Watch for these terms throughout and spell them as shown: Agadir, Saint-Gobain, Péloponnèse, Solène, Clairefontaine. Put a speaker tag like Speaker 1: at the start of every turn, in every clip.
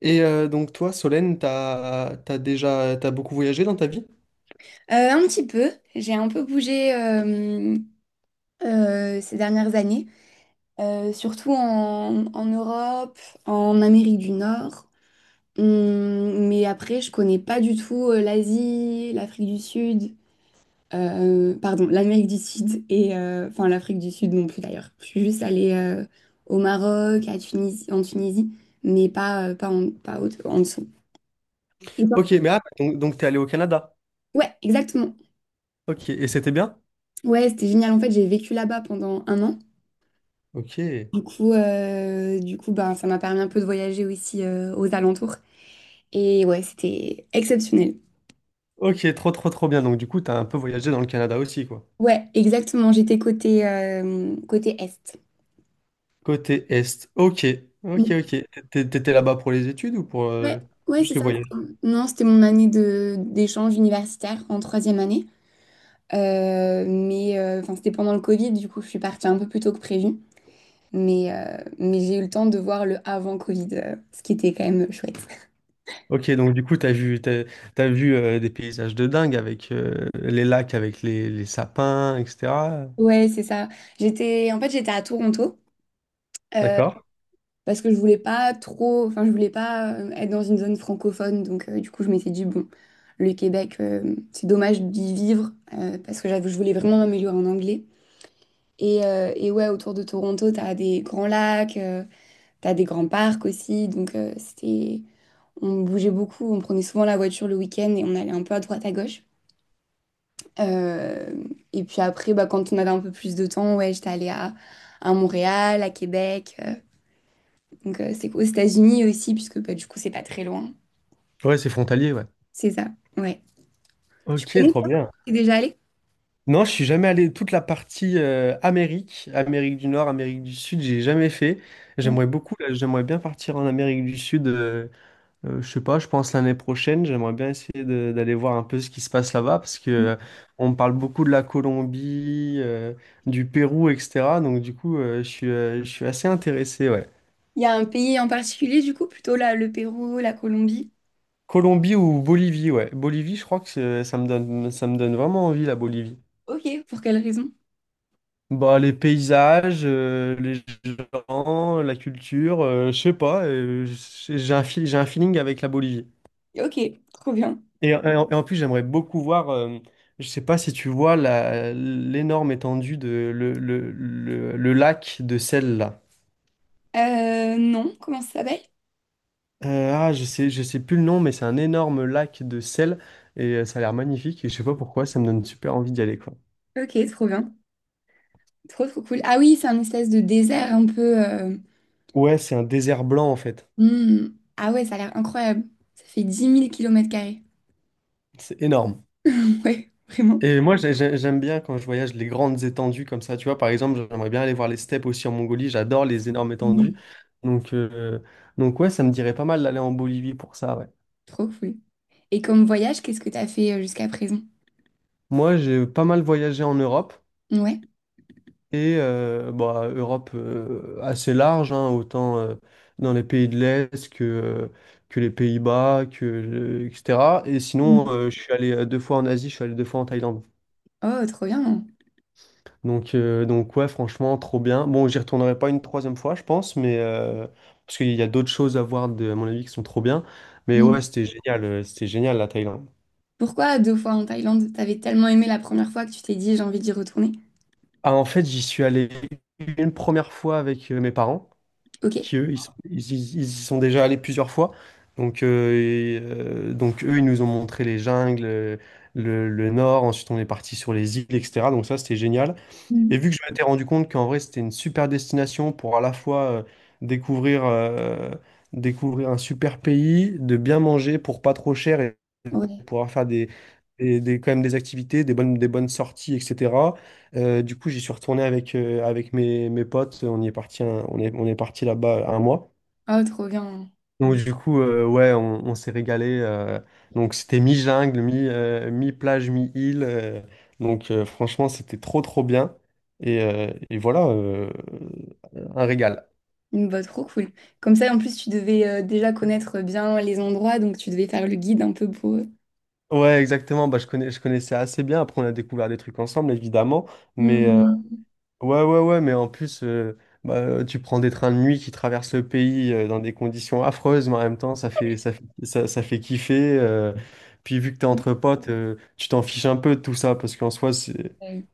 Speaker 1: Donc toi, Solène, t'as beaucoup voyagé dans ta vie?
Speaker 2: Un petit peu, j'ai un peu bougé ces dernières années, surtout en Europe, en Amérique du Nord. Mais après, je connais pas du tout l'Asie, l'Afrique du Sud, pardon, l'Amérique du Sud et enfin l'Afrique du Sud non plus d'ailleurs. Je suis juste allée au Maroc, à Tunisie, en Tunisie, mais pas en dessous. Et toi?
Speaker 1: Ok, mais ah, donc t'es allé au Canada.
Speaker 2: Ouais, exactement.
Speaker 1: Ok, et c'était bien?
Speaker 2: Ouais, c'était génial. En fait, j'ai vécu là-bas pendant un an.
Speaker 1: Ok.
Speaker 2: Du coup, ben, ça m'a permis un peu de voyager aussi aux alentours. Et ouais, c'était exceptionnel.
Speaker 1: Ok, trop bien. Donc du coup, t'as un peu voyagé dans le Canada aussi, quoi.
Speaker 2: Ouais, exactement. J'étais côté Est.
Speaker 1: Côté Est. Ok, ok,
Speaker 2: Mm.
Speaker 1: ok. T'étais là-bas pour les études ou pour
Speaker 2: Ouais, ouais,
Speaker 1: juste
Speaker 2: c'est
Speaker 1: le
Speaker 2: ça.
Speaker 1: voyage?
Speaker 2: Non, c'était mon année de d'échange universitaire en troisième année. Mais enfin, c'était pendant le Covid, du coup, je suis partie un peu plus tôt que prévu. Mais j'ai eu le temps de voir le avant Covid, ce qui était quand même chouette.
Speaker 1: Ok, donc du coup, t'as vu des paysages de dingue avec les lacs, avec les sapins, etc.
Speaker 2: Ouais, c'est ça. J'étais, en fait, j'étais à Toronto. Euh,
Speaker 1: D'accord?
Speaker 2: Parce que je voulais pas trop, enfin je voulais pas être dans une zone francophone, donc du coup je m'étais dit bon, le Québec, c'est dommage d'y vivre parce que je voulais vraiment m'améliorer en anglais. Et ouais, autour de Toronto, t'as des grands lacs, t'as des grands parcs aussi, donc c'était, on bougeait beaucoup, on prenait souvent la voiture le week-end et on allait un peu à droite à gauche. Euh, et puis après, bah, quand on avait un peu plus de temps, ouais, j'étais allée à Montréal, à Québec. Donc, c'est aux États-Unis aussi, puisque bah, du coup, c'est pas très loin.
Speaker 1: Ouais, c'est frontalier, ouais.
Speaker 2: C'est ça, ouais. Tu
Speaker 1: Ok,
Speaker 2: connais,
Speaker 1: trop
Speaker 2: toi,
Speaker 1: bien.
Speaker 2: t'es déjà allé?
Speaker 1: Non, je suis jamais allé toute la partie Amérique, Amérique du Nord, Amérique du Sud, j'ai jamais fait.
Speaker 2: Ouais.
Speaker 1: J'aimerais beaucoup, là, j'aimerais bien partir en Amérique du Sud. Je sais pas, je pense l'année prochaine, j'aimerais bien essayer d'aller voir un peu ce qui se passe là-bas parce que
Speaker 2: Il
Speaker 1: on me parle beaucoup de la Colombie, du Pérou, etc. Donc du coup, je suis assez intéressé, ouais.
Speaker 2: y a un pays en particulier, du coup, plutôt là, le Pérou, la Colombie.
Speaker 1: Colombie ou Bolivie, ouais. Bolivie, je crois que ça me donne vraiment envie la Bolivie.
Speaker 2: Ok, pour quelle raison?
Speaker 1: Bah, les paysages, les gens, la culture, je sais pas, j'ai un, j'ai un feeling avec la Bolivie.
Speaker 2: Ok, trop bien.
Speaker 1: Et, en plus, j'aimerais beaucoup voir, je sais pas si tu vois l'énorme étendue de le lac de sel là.
Speaker 2: Non, comment ça s'appelle?
Speaker 1: Je sais, je sais plus le nom, mais c'est un énorme lac de sel et ça a l'air magnifique et je sais pas pourquoi, ça me donne super envie d'y aller quoi.
Speaker 2: Ok, trop bien. Trop, trop cool. Ah oui, c'est un espèce de désert un peu...
Speaker 1: Ouais, c'est un désert blanc en fait.
Speaker 2: Hmm. Ah ouais, ça a l'air incroyable. Ça fait 10 000 kilomètres carrés.
Speaker 1: C'est énorme.
Speaker 2: Ouais, vraiment.
Speaker 1: Et moi, j'aime bien quand je voyage les grandes étendues comme ça. Tu vois, par exemple, j'aimerais bien aller voir les steppes aussi en Mongolie. J'adore les énormes étendues.
Speaker 2: Mm.
Speaker 1: Donc, euh, donc ouais, ça me dirait pas mal d'aller en Bolivie pour ça, ouais.
Speaker 2: Trop cool. Et comme voyage, qu'est-ce que t'as fait jusqu'à présent?
Speaker 1: Moi, j'ai pas mal voyagé en Europe.
Speaker 2: Ouais.
Speaker 1: Bah, Europe assez large, hein, autant dans les pays de l'Est que que les Pays-Bas, etc. Et
Speaker 2: Mm.
Speaker 1: sinon, je suis allé 2 fois en Asie, je suis allé 2 fois en Thaïlande.
Speaker 2: Oh, trop bien.
Speaker 1: Donc ouais, franchement, trop bien. Bon, j'y retournerai pas une troisième fois, je pense, mais parce qu'il y a d'autres choses à voir, à mon avis, qui sont trop bien. Mais ouais, c'était génial la Thaïlande.
Speaker 2: Pourquoi deux fois en Thaïlande? T'avais tellement aimé la première fois que tu t'es dit j'ai envie d'y retourner.
Speaker 1: En fait, j'y suis allé une première fois avec mes parents,
Speaker 2: Ok.
Speaker 1: qui eux, ils y sont déjà allés plusieurs fois. Donc eux, ils nous ont montré les jungles, le nord. Ensuite, on est parti sur les îles, etc. Donc ça, c'était génial. Et
Speaker 2: Mhm.
Speaker 1: vu que je m'étais rendu compte qu'en vrai, c'était une super destination pour à la fois découvrir, euh, découvrir un super pays, de bien manger pour pas trop cher et
Speaker 2: Ouais.
Speaker 1: pouvoir faire quand même des activités, des bonnes sorties, etc. Du coup, j'y suis retourné avec, mes potes. On y est parti, un- on est parti là-bas 1 mois.
Speaker 2: Oh, trop bien.
Speaker 1: Donc du coup, on s'est régalé. Donc c'était mi-jungle, mi-plage, mi-île. Franchement, c'était trop bien. Et voilà, un régal.
Speaker 2: Bah, trop cool. Comme ça, en plus, tu devais déjà connaître bien les endroits, donc tu devais faire le guide un peu pour eux.
Speaker 1: Ouais, exactement. Bah, je connaissais assez bien. Après, on a découvert des trucs ensemble, évidemment. Mais, euh,
Speaker 2: Mhm.
Speaker 1: ouais, mais en plus, tu prends des trains de nuit qui traversent le pays dans des conditions affreuses, mais en même temps, ça fait kiffer. Puis vu que t'es entre potes, tu t'en fiches un peu de tout ça, parce qu'en soi,
Speaker 2: Ouais.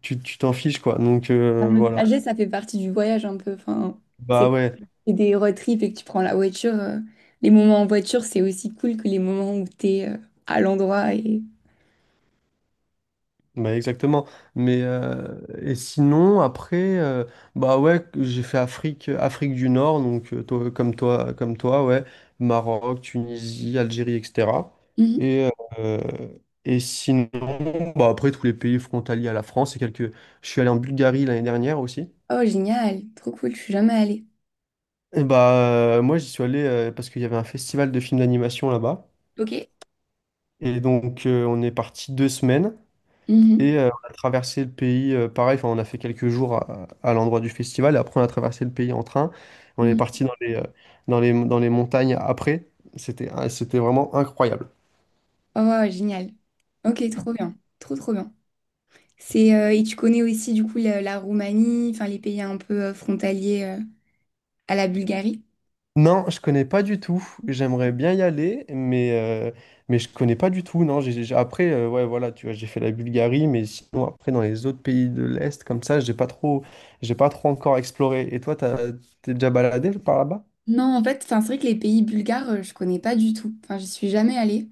Speaker 1: tu t'en fiches, quoi.
Speaker 2: Bah, le
Speaker 1: Voilà.
Speaker 2: trajet, ça fait partie du voyage un peu. Enfin,
Speaker 1: Bah
Speaker 2: c'est
Speaker 1: ouais.
Speaker 2: c'est des road trips et que tu prends la voiture. Les moments en voiture, c'est aussi cool que les moments où t'es à l'endroit et.
Speaker 1: Bah exactement. Et sinon après bah ouais j'ai fait Afrique du Nord donc toi, comme toi ouais Maroc Tunisie Algérie etc.
Speaker 2: Mhm.
Speaker 1: Et euh, et sinon bah après tous les pays frontaliers à la France et quelques, je suis allé en Bulgarie l'année dernière aussi.
Speaker 2: Oh, génial. Trop cool. Je suis jamais allée.
Speaker 1: Et bah Moi j'y suis allé parce qu'il y avait un festival de films d'animation là-bas
Speaker 2: Ok.
Speaker 1: et donc on est parti 2 semaines.
Speaker 2: Mhm.
Speaker 1: Et on a traversé le pays, pareil, enfin, on a fait quelques jours à l'endroit du festival, et après on a traversé le pays en train. On est parti dans dans les montagnes après. C'était vraiment incroyable.
Speaker 2: Oh, wow, génial. Ok, trop bien. Trop, trop bien. Et tu connais aussi, du coup, la Roumanie, enfin, les pays un peu frontaliers à la Bulgarie?
Speaker 1: Non, je connais pas du tout. J'aimerais bien y aller, mais, euh, mais je connais pas du tout. Non, ouais, voilà, tu vois, j'ai fait la Bulgarie, mais sinon, après, dans les autres pays de l'Est, comme ça, j'ai pas trop encore exploré. Et toi, t'es déjà baladé par là-bas?
Speaker 2: Non, en fait, enfin, c'est vrai que les pays bulgares, je connais pas du tout. Enfin, j'y suis jamais allée.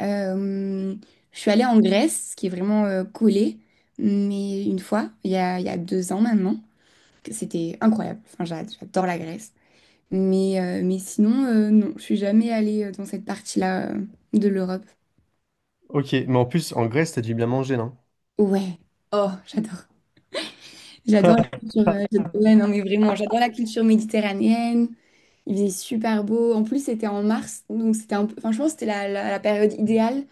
Speaker 2: Euh, je suis allée en Grèce, qui est vraiment collé, mais une fois, il y a 2 ans maintenant, que c'était incroyable. Enfin, j'adore la Grèce. Mais sinon, non, je suis jamais allée dans cette partie-là de l'Europe.
Speaker 1: Ok, mais en plus, en Grèce, t'as dû bien manger, non?
Speaker 2: Ouais. Oh, j'adore. J'adore la culture. Ouais, non, mais vraiment, j'adore la culture méditerranéenne. Il faisait super beau. En plus, c'était en mars, donc c'était un peu. Enfin, je pense que c'était la période idéale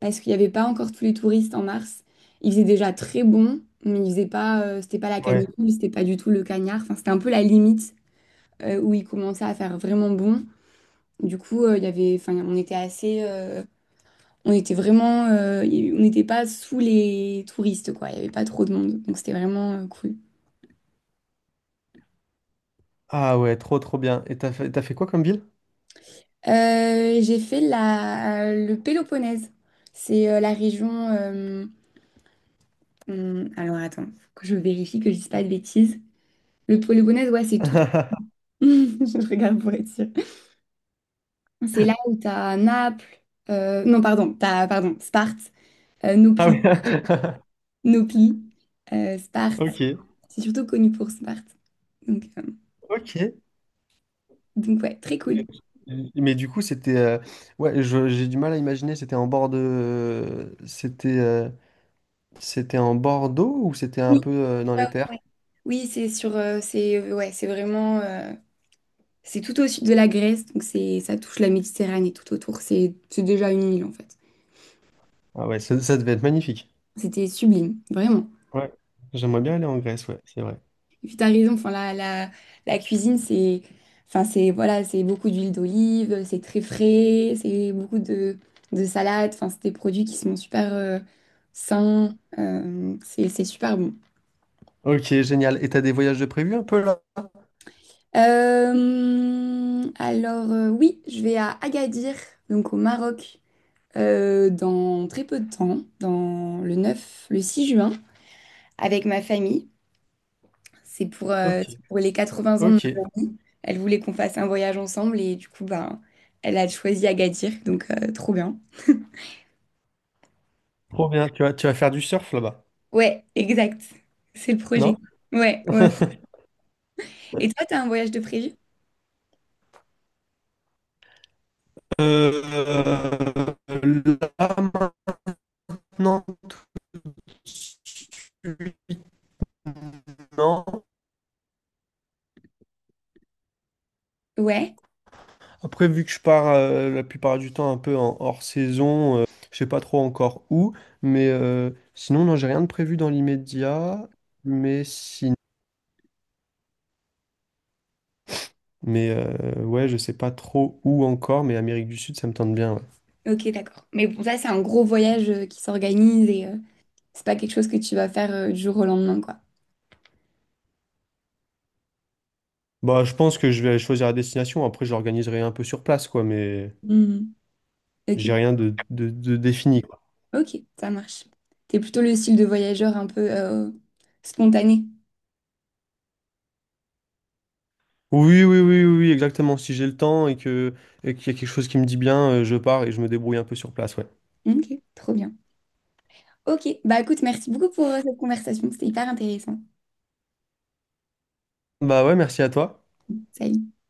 Speaker 2: parce qu'il n'y avait pas encore tous les touristes en mars. Il faisait déjà très bon, mais il faisait pas. C'était pas la canicule, c'était pas du tout le cagnard. Enfin, c'était un peu la limite où il commençait à faire vraiment bon. Du coup, il y avait. Enfin, on était assez. On était vraiment. On n'était pas sous les touristes, quoi. Il n'y avait pas trop de monde, donc c'était vraiment cool.
Speaker 1: Ah ouais, trop bien. Et t'as fait quoi comme ville?
Speaker 2: J'ai fait le Péloponnèse. C'est la région. Alors attends, faut que je vérifie que je dise pas de bêtises. Le Péloponnèse, ouais, c'est tout. Je regarde pour être sûre. C'est là où t'as Naples. Non, pardon, Sparte,
Speaker 1: Ah ouais.
Speaker 2: Nopli, Nopli,
Speaker 1: Ok,
Speaker 2: Sparte. C'est surtout connu pour Sparte. Donc, euh,
Speaker 1: ok.
Speaker 2: donc ouais, très
Speaker 1: Et-
Speaker 2: cool.
Speaker 1: Mais du coup, c'était... Ouais, j'ai du mal à imaginer, c'était en bord de... C'était en bord d'eau ou c'était un
Speaker 2: Oui,
Speaker 1: peu dans
Speaker 2: ouais, ouais,
Speaker 1: les terres?
Speaker 2: ouais. Oui, c'est ouais, c'est vraiment. C'est tout au sud de la Grèce, donc c'est ça touche la Méditerranée tout autour. C'est déjà une île en fait.
Speaker 1: Ah ouais, ça devait être magnifique.
Speaker 2: C'était sublime, vraiment.
Speaker 1: Ouais, j'aimerais bien aller en Grèce, ouais, c'est vrai.
Speaker 2: Et puis t'as raison, enfin la cuisine c'est, voilà, c'est beaucoup d'huile d'olive, c'est très frais, c'est beaucoup de salades, enfin c'est des produits qui sont super sains, c'est super bon.
Speaker 1: Ok, génial. Et t'as des voyages de prévu un peu là?
Speaker 2: Alors, oui, je vais à Agadir, donc au Maroc, dans très peu de temps, dans le 6 juin, avec ma famille. C'est pour,
Speaker 1: Ok,
Speaker 2: euh, c'est pour les 80 ans.
Speaker 1: ok.
Speaker 2: Elle voulait qu'on fasse un voyage ensemble et du coup, ben, elle a choisi Agadir, donc trop bien.
Speaker 1: Trop bien. Tu vas faire du surf là-bas,
Speaker 2: Ouais, exact. C'est le
Speaker 1: non?
Speaker 2: projet. Ouais, ouais, ouais. Et toi, t'as un voyage de prévu?
Speaker 1: Euh, Là, non. Non.
Speaker 2: Ouais,
Speaker 1: Après, vu que je pars la plupart du temps un peu en hors saison, je sais pas trop encore où. Sinon, non, j'ai rien de prévu dans l'immédiat. Mais si... ouais, je sais pas trop où encore. Mais Amérique du Sud, ça me tente bien. Ouais.
Speaker 2: ok, d'accord. Mais bon, ça, c'est un gros voyage qui s'organise et c'est pas quelque chose que tu vas faire du jour au lendemain, quoi.
Speaker 1: Bah, je pense que je vais choisir la destination. Après, je l'organiserai un peu sur place, quoi. Mais
Speaker 2: Mhm. Ok,
Speaker 1: j'ai rien de défini.
Speaker 2: ok, ça marche. T'es plutôt le style de voyageur un peu spontané.
Speaker 1: Oui, exactement. Si j'ai le temps et que et qu'il y a quelque chose qui me dit bien, je pars et je me débrouille un peu sur place, ouais.
Speaker 2: Ok, trop bien. Ok, bah écoute, merci beaucoup pour cette conversation, c'était hyper intéressant.
Speaker 1: Bah ouais, merci à toi.
Speaker 2: Salut.